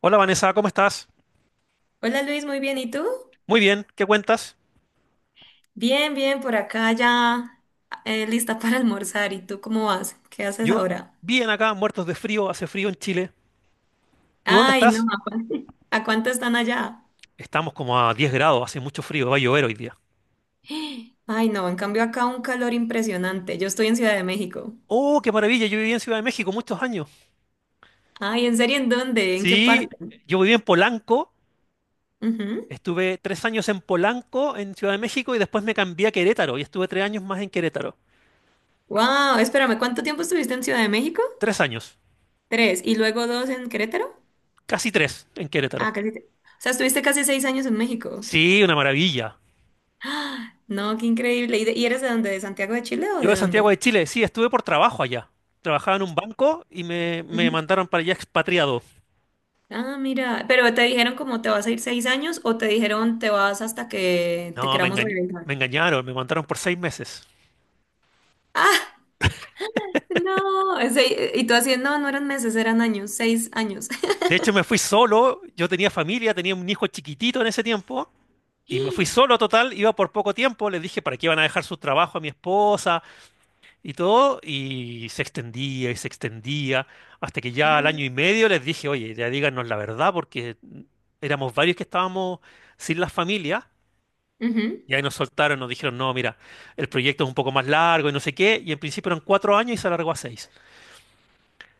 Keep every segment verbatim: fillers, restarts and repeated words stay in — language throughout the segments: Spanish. Hola Vanessa, ¿cómo estás? Hola Luis, muy bien. ¿Y tú? Muy bien, ¿qué cuentas? Bien, bien, por acá ya eh, lista para almorzar. ¿Y tú cómo vas? ¿Qué haces Yo, ahora? bien acá, muertos de frío, hace frío en Chile. ¿Tú dónde Ay, no, estás? ¿a cuánto, a cuánto están allá? Estamos como a diez grados, hace mucho frío, va a llover hoy día. Ay, no, en cambio acá un calor impresionante. Yo estoy en Ciudad de México. Oh, qué maravilla, yo viví en Ciudad de México muchos años. Ay, ¿en serio en dónde? ¿En qué Sí, parte? yo viví en Polanco, estuve tres años en Polanco, en Ciudad de México, y después me cambié a Querétaro y estuve tres años más en Querétaro. Wow, espérame, ¿cuánto tiempo estuviste en Ciudad de México? Tres años, Tres, y luego dos en Querétaro. casi tres en Ah, Querétaro. casi. te- O sea, estuviste casi seis años en México. Sí, una maravilla. ¡Ah! No, qué increíble. ¿Y, de- y eres de dónde? ¿De Santiago de Chile o Yo de de Santiago dónde? de Chile, sí, estuve por trabajo allá. Trabajaba en un banco y me, me mandaron para allá expatriado. Ah, mira, pero te dijeron cómo te vas a ir seis años o te dijeron te vas hasta que te No, me queramos engañ- regresar. me engañaron, me mandaron por seis meses. Ah, no, ese- y tú así, no, no eran meses, eran años, seis años. De hecho, me fui solo, yo tenía familia, tenía un hijo chiquitito en ese tiempo, y me fui solo total, iba por poco tiempo, les dije para qué iban a dejar su trabajo a mi esposa y todo, y se extendía y se extendía, hasta que ya al año y medio les dije, oye, ya díganos la verdad, porque éramos varios que estábamos sin las familias, y ahí nos soltaron, nos dijeron, no, mira, el proyecto es un poco más largo y no sé qué, y en principio eran cuatro años y se alargó a seis.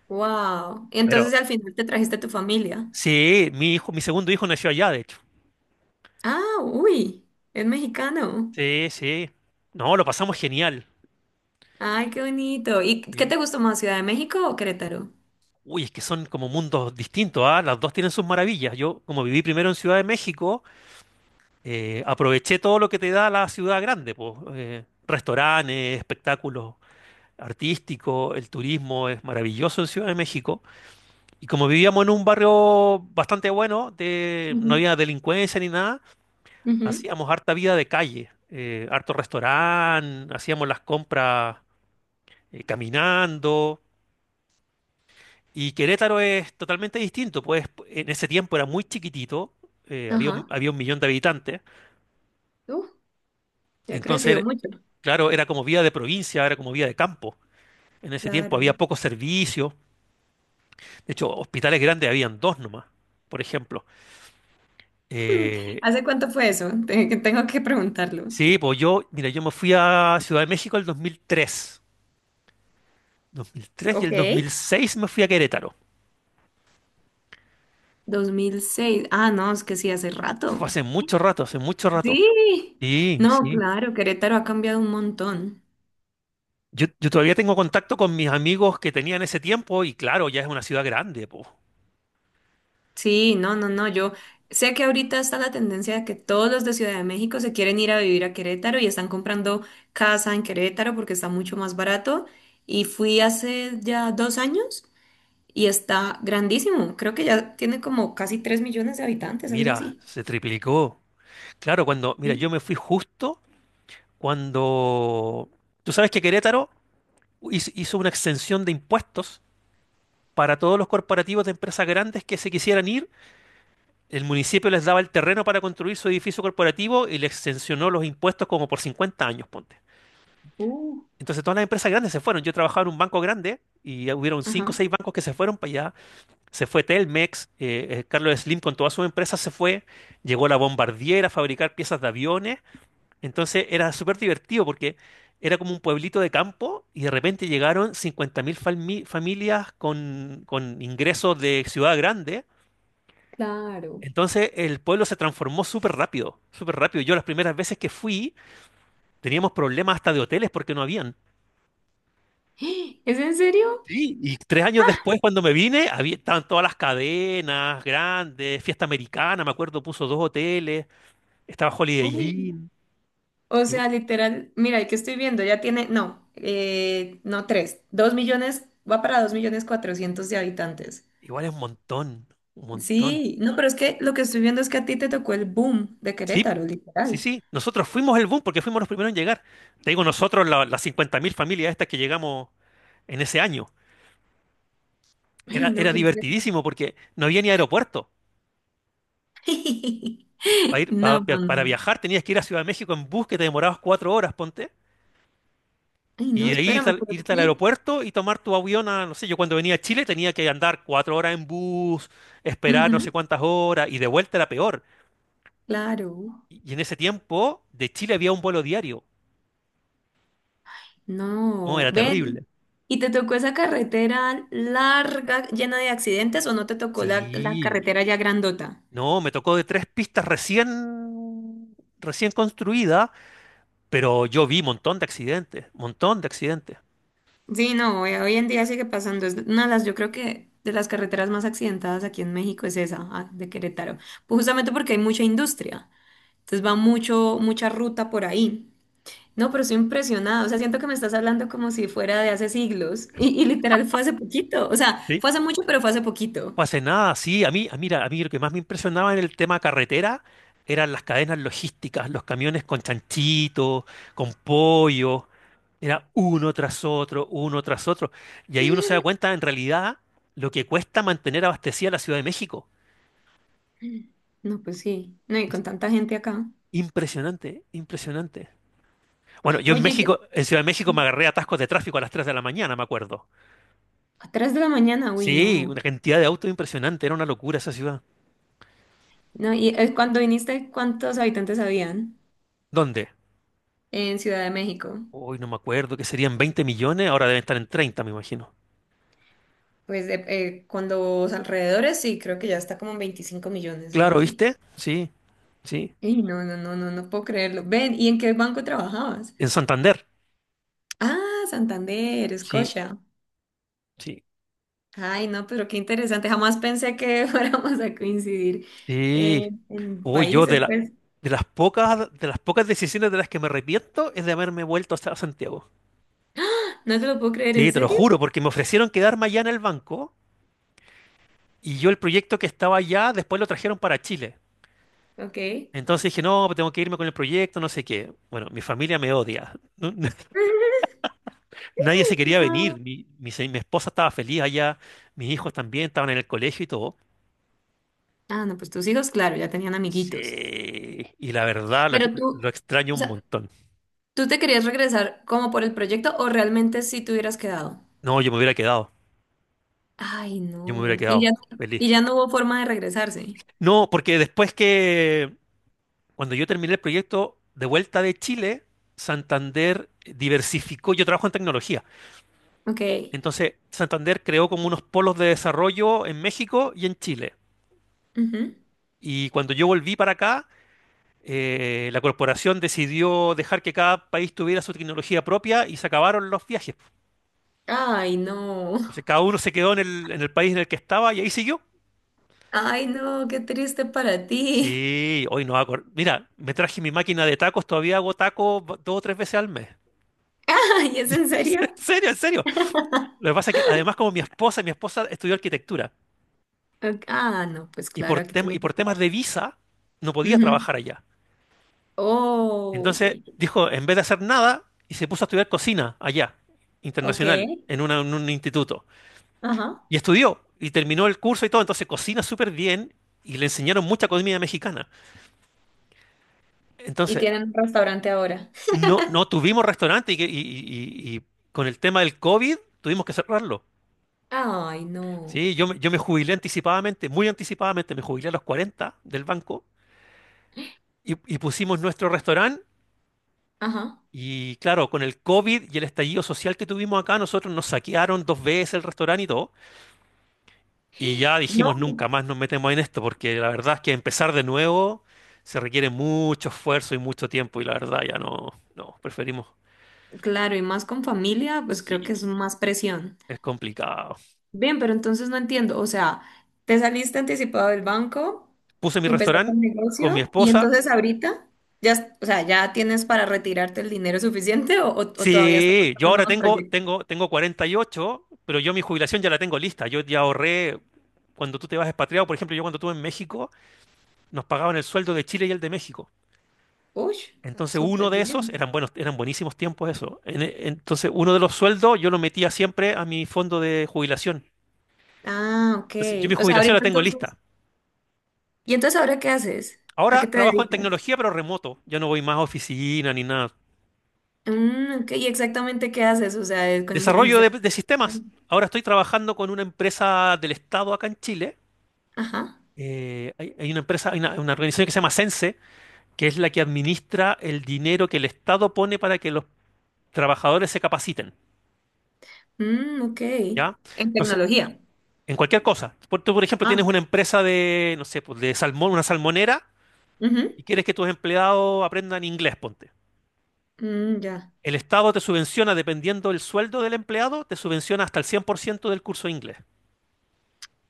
Wow. Pero, Entonces al final te trajiste a tu familia. sí, mi hijo, mi segundo hijo nació allá, de hecho. Ah, uy, es mexicano. Sí, sí. No, lo pasamos genial. Ay, qué bonito. ¿Y qué Sí. te gustó más, Ciudad de México o Querétaro? Uy, es que son como mundos distintos, ¿ah? Las dos tienen sus maravillas. Yo, como viví primero en Ciudad de México, eh, aproveché todo lo que te da la ciudad grande, pues, eh, restaurantes, espectáculos artísticos, el turismo es maravilloso en Ciudad de México. Y como vivíamos en un barrio bastante bueno, de, no Ujú, había delincuencia ni nada, ujú. hacíamos harta vida de calle, eh, harto restaurante, hacíamos las compras, eh, caminando. Y Querétaro es totalmente distinto, pues en ese tiempo era muy chiquitito, eh, había un, Ajá. había un millón de habitantes, Uf, ya ha crecido entonces, mucho. claro, era como vida de provincia, era como vida de campo. En ese tiempo había Claro. pocos servicios, de hecho, hospitales grandes habían dos nomás, por ejemplo. Eh, ¿Hace cuánto fue eso? Te- que tengo que preguntarlo. sí, pues yo, mira, yo me fui a Ciudad de México el dos mil tres, dos mil tres y Ok. el dos mil seis me fui a Querétaro. dos mil seis. Ah, no, es que sí, hace Fue rato. hace mucho rato, hace mucho rato. Sí. Sí, No, sí. claro, Querétaro ha cambiado un montón. Yo, yo todavía tengo contacto con mis amigos que tenía en ese tiempo y claro, ya es una ciudad grande, po. Sí, no, no, no. Yo sé que ahorita está la tendencia de que todos los de Ciudad de México se quieren ir a vivir a Querétaro y están comprando casa en Querétaro porque está mucho más barato. Y fui hace ya dos años y está grandísimo. Creo que ya tiene como casi tres millones de habitantes, algo Mira, así. se triplicó. Claro, cuando, mira, Sí. yo me fui justo cuando. Tú sabes que Querétaro hizo, hizo una exención de impuestos para todos los corporativos de empresas grandes que se quisieran ir. El municipio les daba el terreno para construir su edificio corporativo y les exencionó los impuestos como por cincuenta años, ponte. Uh. Entonces todas las empresas grandes se fueron. Yo trabajaba en un banco grande y hubieron cinco o Ajá. seis bancos que se fueron para allá. Se fue Telmex, eh, eh, Carlos Slim con toda su empresa se fue, llegó la Bombardier a fabricar piezas de aviones, entonces era súper divertido porque era como un pueblito de campo y de repente llegaron cincuenta mil fami- familias con, con ingresos de ciudad grande, Claro. entonces el pueblo se transformó súper rápido, súper rápido. Yo las primeras veces que fui teníamos problemas hasta de hoteles porque no habían. ¿Es en serio? Sí, y tres años después, cuando me vine, había, estaban todas las cadenas grandes, Fiesta Americana, me acuerdo, puso dos hoteles. Estaba Holiday Uy. Inn. O Igu- sea, literal, mira, el que estoy viendo ya tiene, no, eh, no tres, dos millones, va para dos millones cuatrocientos de habitantes. Igual es un montón, un montón. Sí, no, pero es que lo que estoy viendo es que a ti te tocó el boom de Sí, Querétaro, sí, literal. sí. Nosotros fuimos el boom porque fuimos los primeros en llegar. Te digo, nosotros, la- las cincuenta mil familias estas que llegamos en ese año. Ay, Era, no, era qué impresión. divertidísimo porque no había ni aeropuerto. Para ir, No, pa- pa- no, para no. viajar tenías que ir a Ciudad de México en bus que te demorabas cuatro horas, ponte. Ay, Y no, de ahí irte espérame, al, pero es irte al que- aeropuerto y tomar tu avión a, no sé, yo cuando venía a Chile tenía que andar cuatro horas en bus, esperar no ujú, sé cuántas horas y de vuelta era peor. claro, Y en ese tiempo, de Chile había un vuelo diario. Oh, no, era ven. terrible. ¿Y te tocó esa carretera larga, llena de accidentes, o no te tocó la, la Sí. carretera ya grandota? No, me tocó de tres pistas recién, recién construidas, pero yo vi montón de accidentes, montón de accidentes. Sí, no, hoy, hoy en día sigue pasando. Es una de las, yo creo que de las carreteras más accidentadas aquí en México es esa, ah, de Querétaro. Pues justamente porque hay mucha industria. Entonces va mucho, mucha ruta por ahí. No, pero estoy impresionada. O sea, siento que me estás hablando como si fuera de hace siglos. Y, y literal fue hace poquito. O sea, ¿Sí? fue hace mucho, pero fue hace No poquito. hace nada, sí. A mí, a, mira, a mí lo que más me impresionaba en el tema carretera eran las cadenas logísticas, los camiones con chanchitos, con pollo. Era uno tras otro, uno tras otro. Y ahí uno se da cuenta, en realidad, lo que cuesta mantener abastecida la Ciudad de México. No, pues sí. No, y con tanta gente acá. Impresionante, impresionante. Bueno, yo en Oye, México, ¿qué- en Ciudad de México me agarré atascos de tráfico a las tres de la mañana, me acuerdo. a tres de la mañana, uy, Sí, una no. cantidad de autos impresionante, era una locura esa ciudad. No, y eh, cuando viniste, ¿cuántos habitantes habían ¿Dónde? en Ciudad de México? Hoy no me acuerdo, que serían veinte millones, ahora deben estar en treinta, me imagino. Pues de- eh, con los alrededores, sí, creo que ya está como en veinticinco millones, algo Claro, así. ¿viste? Sí, sí. Y no, no, no, no, no puedo creerlo. Ven, ¿y en qué banco trabajabas? En Santander. Ah, Santander, Sí, Escocia. sí, Ay, no, pero qué interesante. Jamás pensé que fuéramos a coincidir eh, sí. en Uy, yo de países, la, pues. de las pocas, de las pocas decisiones de las que me arrepiento es de haberme vuelto hasta Santiago. No te lo puedo creer, ¿en Sí, te lo serio? juro, porque me ofrecieron quedarme allá en el banco. Y yo el proyecto que estaba allá, después lo trajeron para Chile. Ok. Entonces dije, no, pues tengo que irme con el proyecto, no sé qué. Bueno, mi familia me odia. Nadie se quería No. venir. Mi, mi se- mi esposa estaba feliz allá, mis hijos también estaban en el colegio y todo. Ah, no, pues tus hijos, claro, ya tenían amiguitos. Sí. Y la verdad, lo, Pero lo tú, extraño o un sea, montón. ¿tú te querías regresar como por el proyecto o realmente sí te hubieras quedado? No, yo me hubiera quedado. Ay, Yo me hubiera no. Y quedado ya, feliz. y ya no hubo forma de regresarse. No, porque después que, cuando yo terminé el proyecto de vuelta de Chile, Santander diversificó. Yo trabajo en tecnología. Ok. Entonces, Santander creó como unos polos de desarrollo en México y en Chile. Ujú. Y cuando yo volví para acá, eh, la corporación decidió dejar que cada país tuviera su tecnología propia y se acabaron los viajes. Ay, no. Entonces, cada uno se quedó en el, en el país en el que estaba y ahí siguió. Ay, no, qué triste para ti. Sí, hoy no hago. Mira, me traje mi máquina de tacos, todavía hago tacos ba- dos o tres veces al mes. Ay, ¿es en En serio? serio, en serio. Lo que pasa es que además, como mi esposa, mi esposa estudió arquitectura Ok. Ah, no, pues y por, claro, aquí tem- y tenía que por estar. temas de visa no podía Ujú. trabajar allá. Oh, yo, Entonces yo. dijo, en vez de hacer nada, y se puso a estudiar cocina allá, Ok. internacional, en, una- en un instituto. Ajá. Y estudió, y terminó el curso y todo, entonces cocina súper bien, y le enseñaron mucha comida mexicana. Y Entonces, tienen un restaurante ahora. no, no tuvimos restaurante, y, que- y- y- y con el tema del COVID tuvimos que cerrarlo. Ay, no. Sí, yo, me- yo me jubilé anticipadamente, muy anticipadamente, me jubilé a los cuarenta del banco, y, y pusimos nuestro restaurante. Ajá. Y claro, con el COVID y el estallido social que tuvimos acá, nosotros nos saquearon dos veces el restaurante y todo. Y ya dijimos, No. nunca más nos metemos en esto, porque la verdad es que empezar de nuevo se requiere mucho esfuerzo y mucho tiempo, y la verdad ya no, no, preferimos. Claro, y más con familia, pues creo que es Sí. más presión. Es complicado. Bien, pero entonces no entiendo. O sea, te saliste anticipado del banco, Puse mi empezaste restaurante el con mi negocio y esposa. entonces ahorita ya, o sea, ya tienes para retirarte el dinero suficiente o, o- o todavía estás Sí, yo buscando ahora unos tengo, proyectos. tengo, tengo cuarenta y ocho, pero yo mi jubilación ya la tengo lista. Yo ya ahorré, cuando tú te vas expatriado, por ejemplo, yo cuando estuve en México, nos pagaban el sueldo de Chile y el de México. Uy, Entonces uno súper de esos, bien. eran buenos, eran buenísimos tiempos eso. En- e- entonces uno de los sueldos yo lo metía siempre a mi fondo de jubilación. Ah, ok. Entonces, yo mi O sea, jubilación la ahorita tengo lista. entonces. ¿Y entonces ahora qué haces? ¿A qué Ahora te trabajo en dedicas? tecnología pero remoto. Yo no voy más a oficina ni nada. Mm, ok, ¿y exactamente qué haces? O sea, es con Desarrollo inteligencia de, de sistemas. artificial. Ahora estoy trabajando con una empresa del Estado acá en Chile. Ajá. Eh, hay, hay una empresa, hay una, una organización que se llama Sense, que es la que administra el dinero que el Estado pone para que los trabajadores se capaciten. Mm, ok. ¿Ya? En Entonces, tecnología. en cualquier cosa. Por, tú, por ejemplo, tienes Ah, una empresa de, no sé, pues de salmón, una salmonera, ujú. y quieres que tus empleados aprendan inglés, ponte. Mm, ya. El Estado te subvenciona, dependiendo del sueldo del empleado, te subvenciona hasta el cien por ciento del curso de inglés.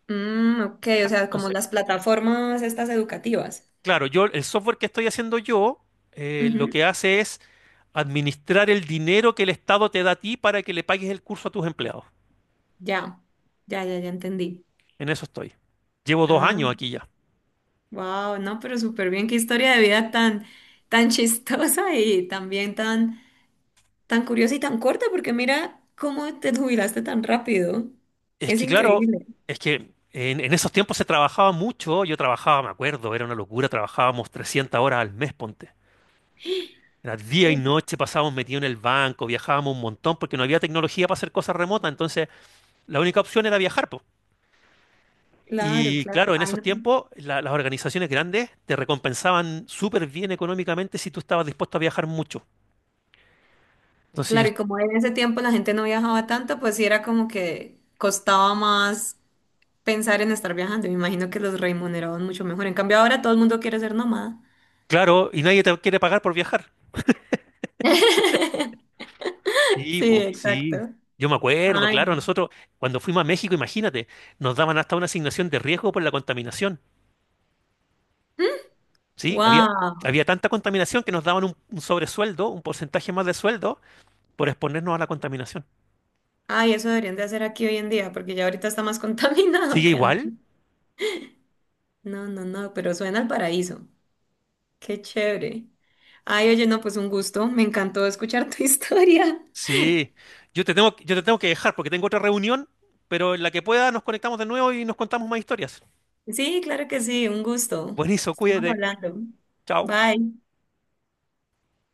Mm, ok, o Fija. sea, como Entonces, las plataformas estas educativas. claro, yo, el software que estoy haciendo yo, eh, lo Ujú, que hace es administrar el dinero que el Estado te da a ti para que le pagues el curso a tus empleados. ya, ya, ya, ya entendí. En eso estoy. Llevo dos años Ah, aquí ya. wow, no, pero súper bien, qué historia de vida tan, tan chistosa y también tan, tan curiosa y tan corta, porque mira cómo te jubilaste tan rápido. Es Es que claro, increíble. es que en, en esos tiempos se trabajaba mucho, yo trabajaba, me acuerdo, era una locura, trabajábamos trescientas horas al mes, ponte. Era día y Uf, noche, pasábamos metidos en el banco, viajábamos un montón porque no había tecnología para hacer cosas remotas, entonces la única opción era viajar, po. claro, Y claro. claro, en Ay, esos no. tiempos la- las organizaciones grandes te recompensaban súper bien económicamente si tú estabas dispuesto a viajar mucho. Entonces yo, Claro, y como en ese tiempo la gente no viajaba tanto, pues sí era como que costaba más pensar en estar viajando. Me imagino que los remuneraban mucho mejor. En cambio, ahora todo el mundo quiere ser nómada. claro, y nadie te quiere pagar por viajar. Sí, Sí, pues, sí. exacto. Yo me acuerdo, Ay, claro, nosotros cuando fuimos a México, imagínate, nos daban hasta una asignación de riesgo por la contaminación. Sí, había, wow. había tanta contaminación que nos daban un, un sobresueldo, un porcentaje más de sueldo por exponernos a la contaminación. Ay, eso deberían de hacer aquí hoy en día, porque ya ahorita está más contaminado ¿Sigue que antes. igual? No, no, no, pero suena al paraíso. Qué chévere. Ay, oye, no, pues un gusto. Me encantó escuchar tu historia. Sí. Yo te tengo, yo te tengo que dejar porque tengo otra reunión, pero en la que pueda nos conectamos de nuevo y nos contamos más historias. Sí, claro que sí, un gusto. Buenísimo, Estamos cuídate. hablando. Chao. Bye.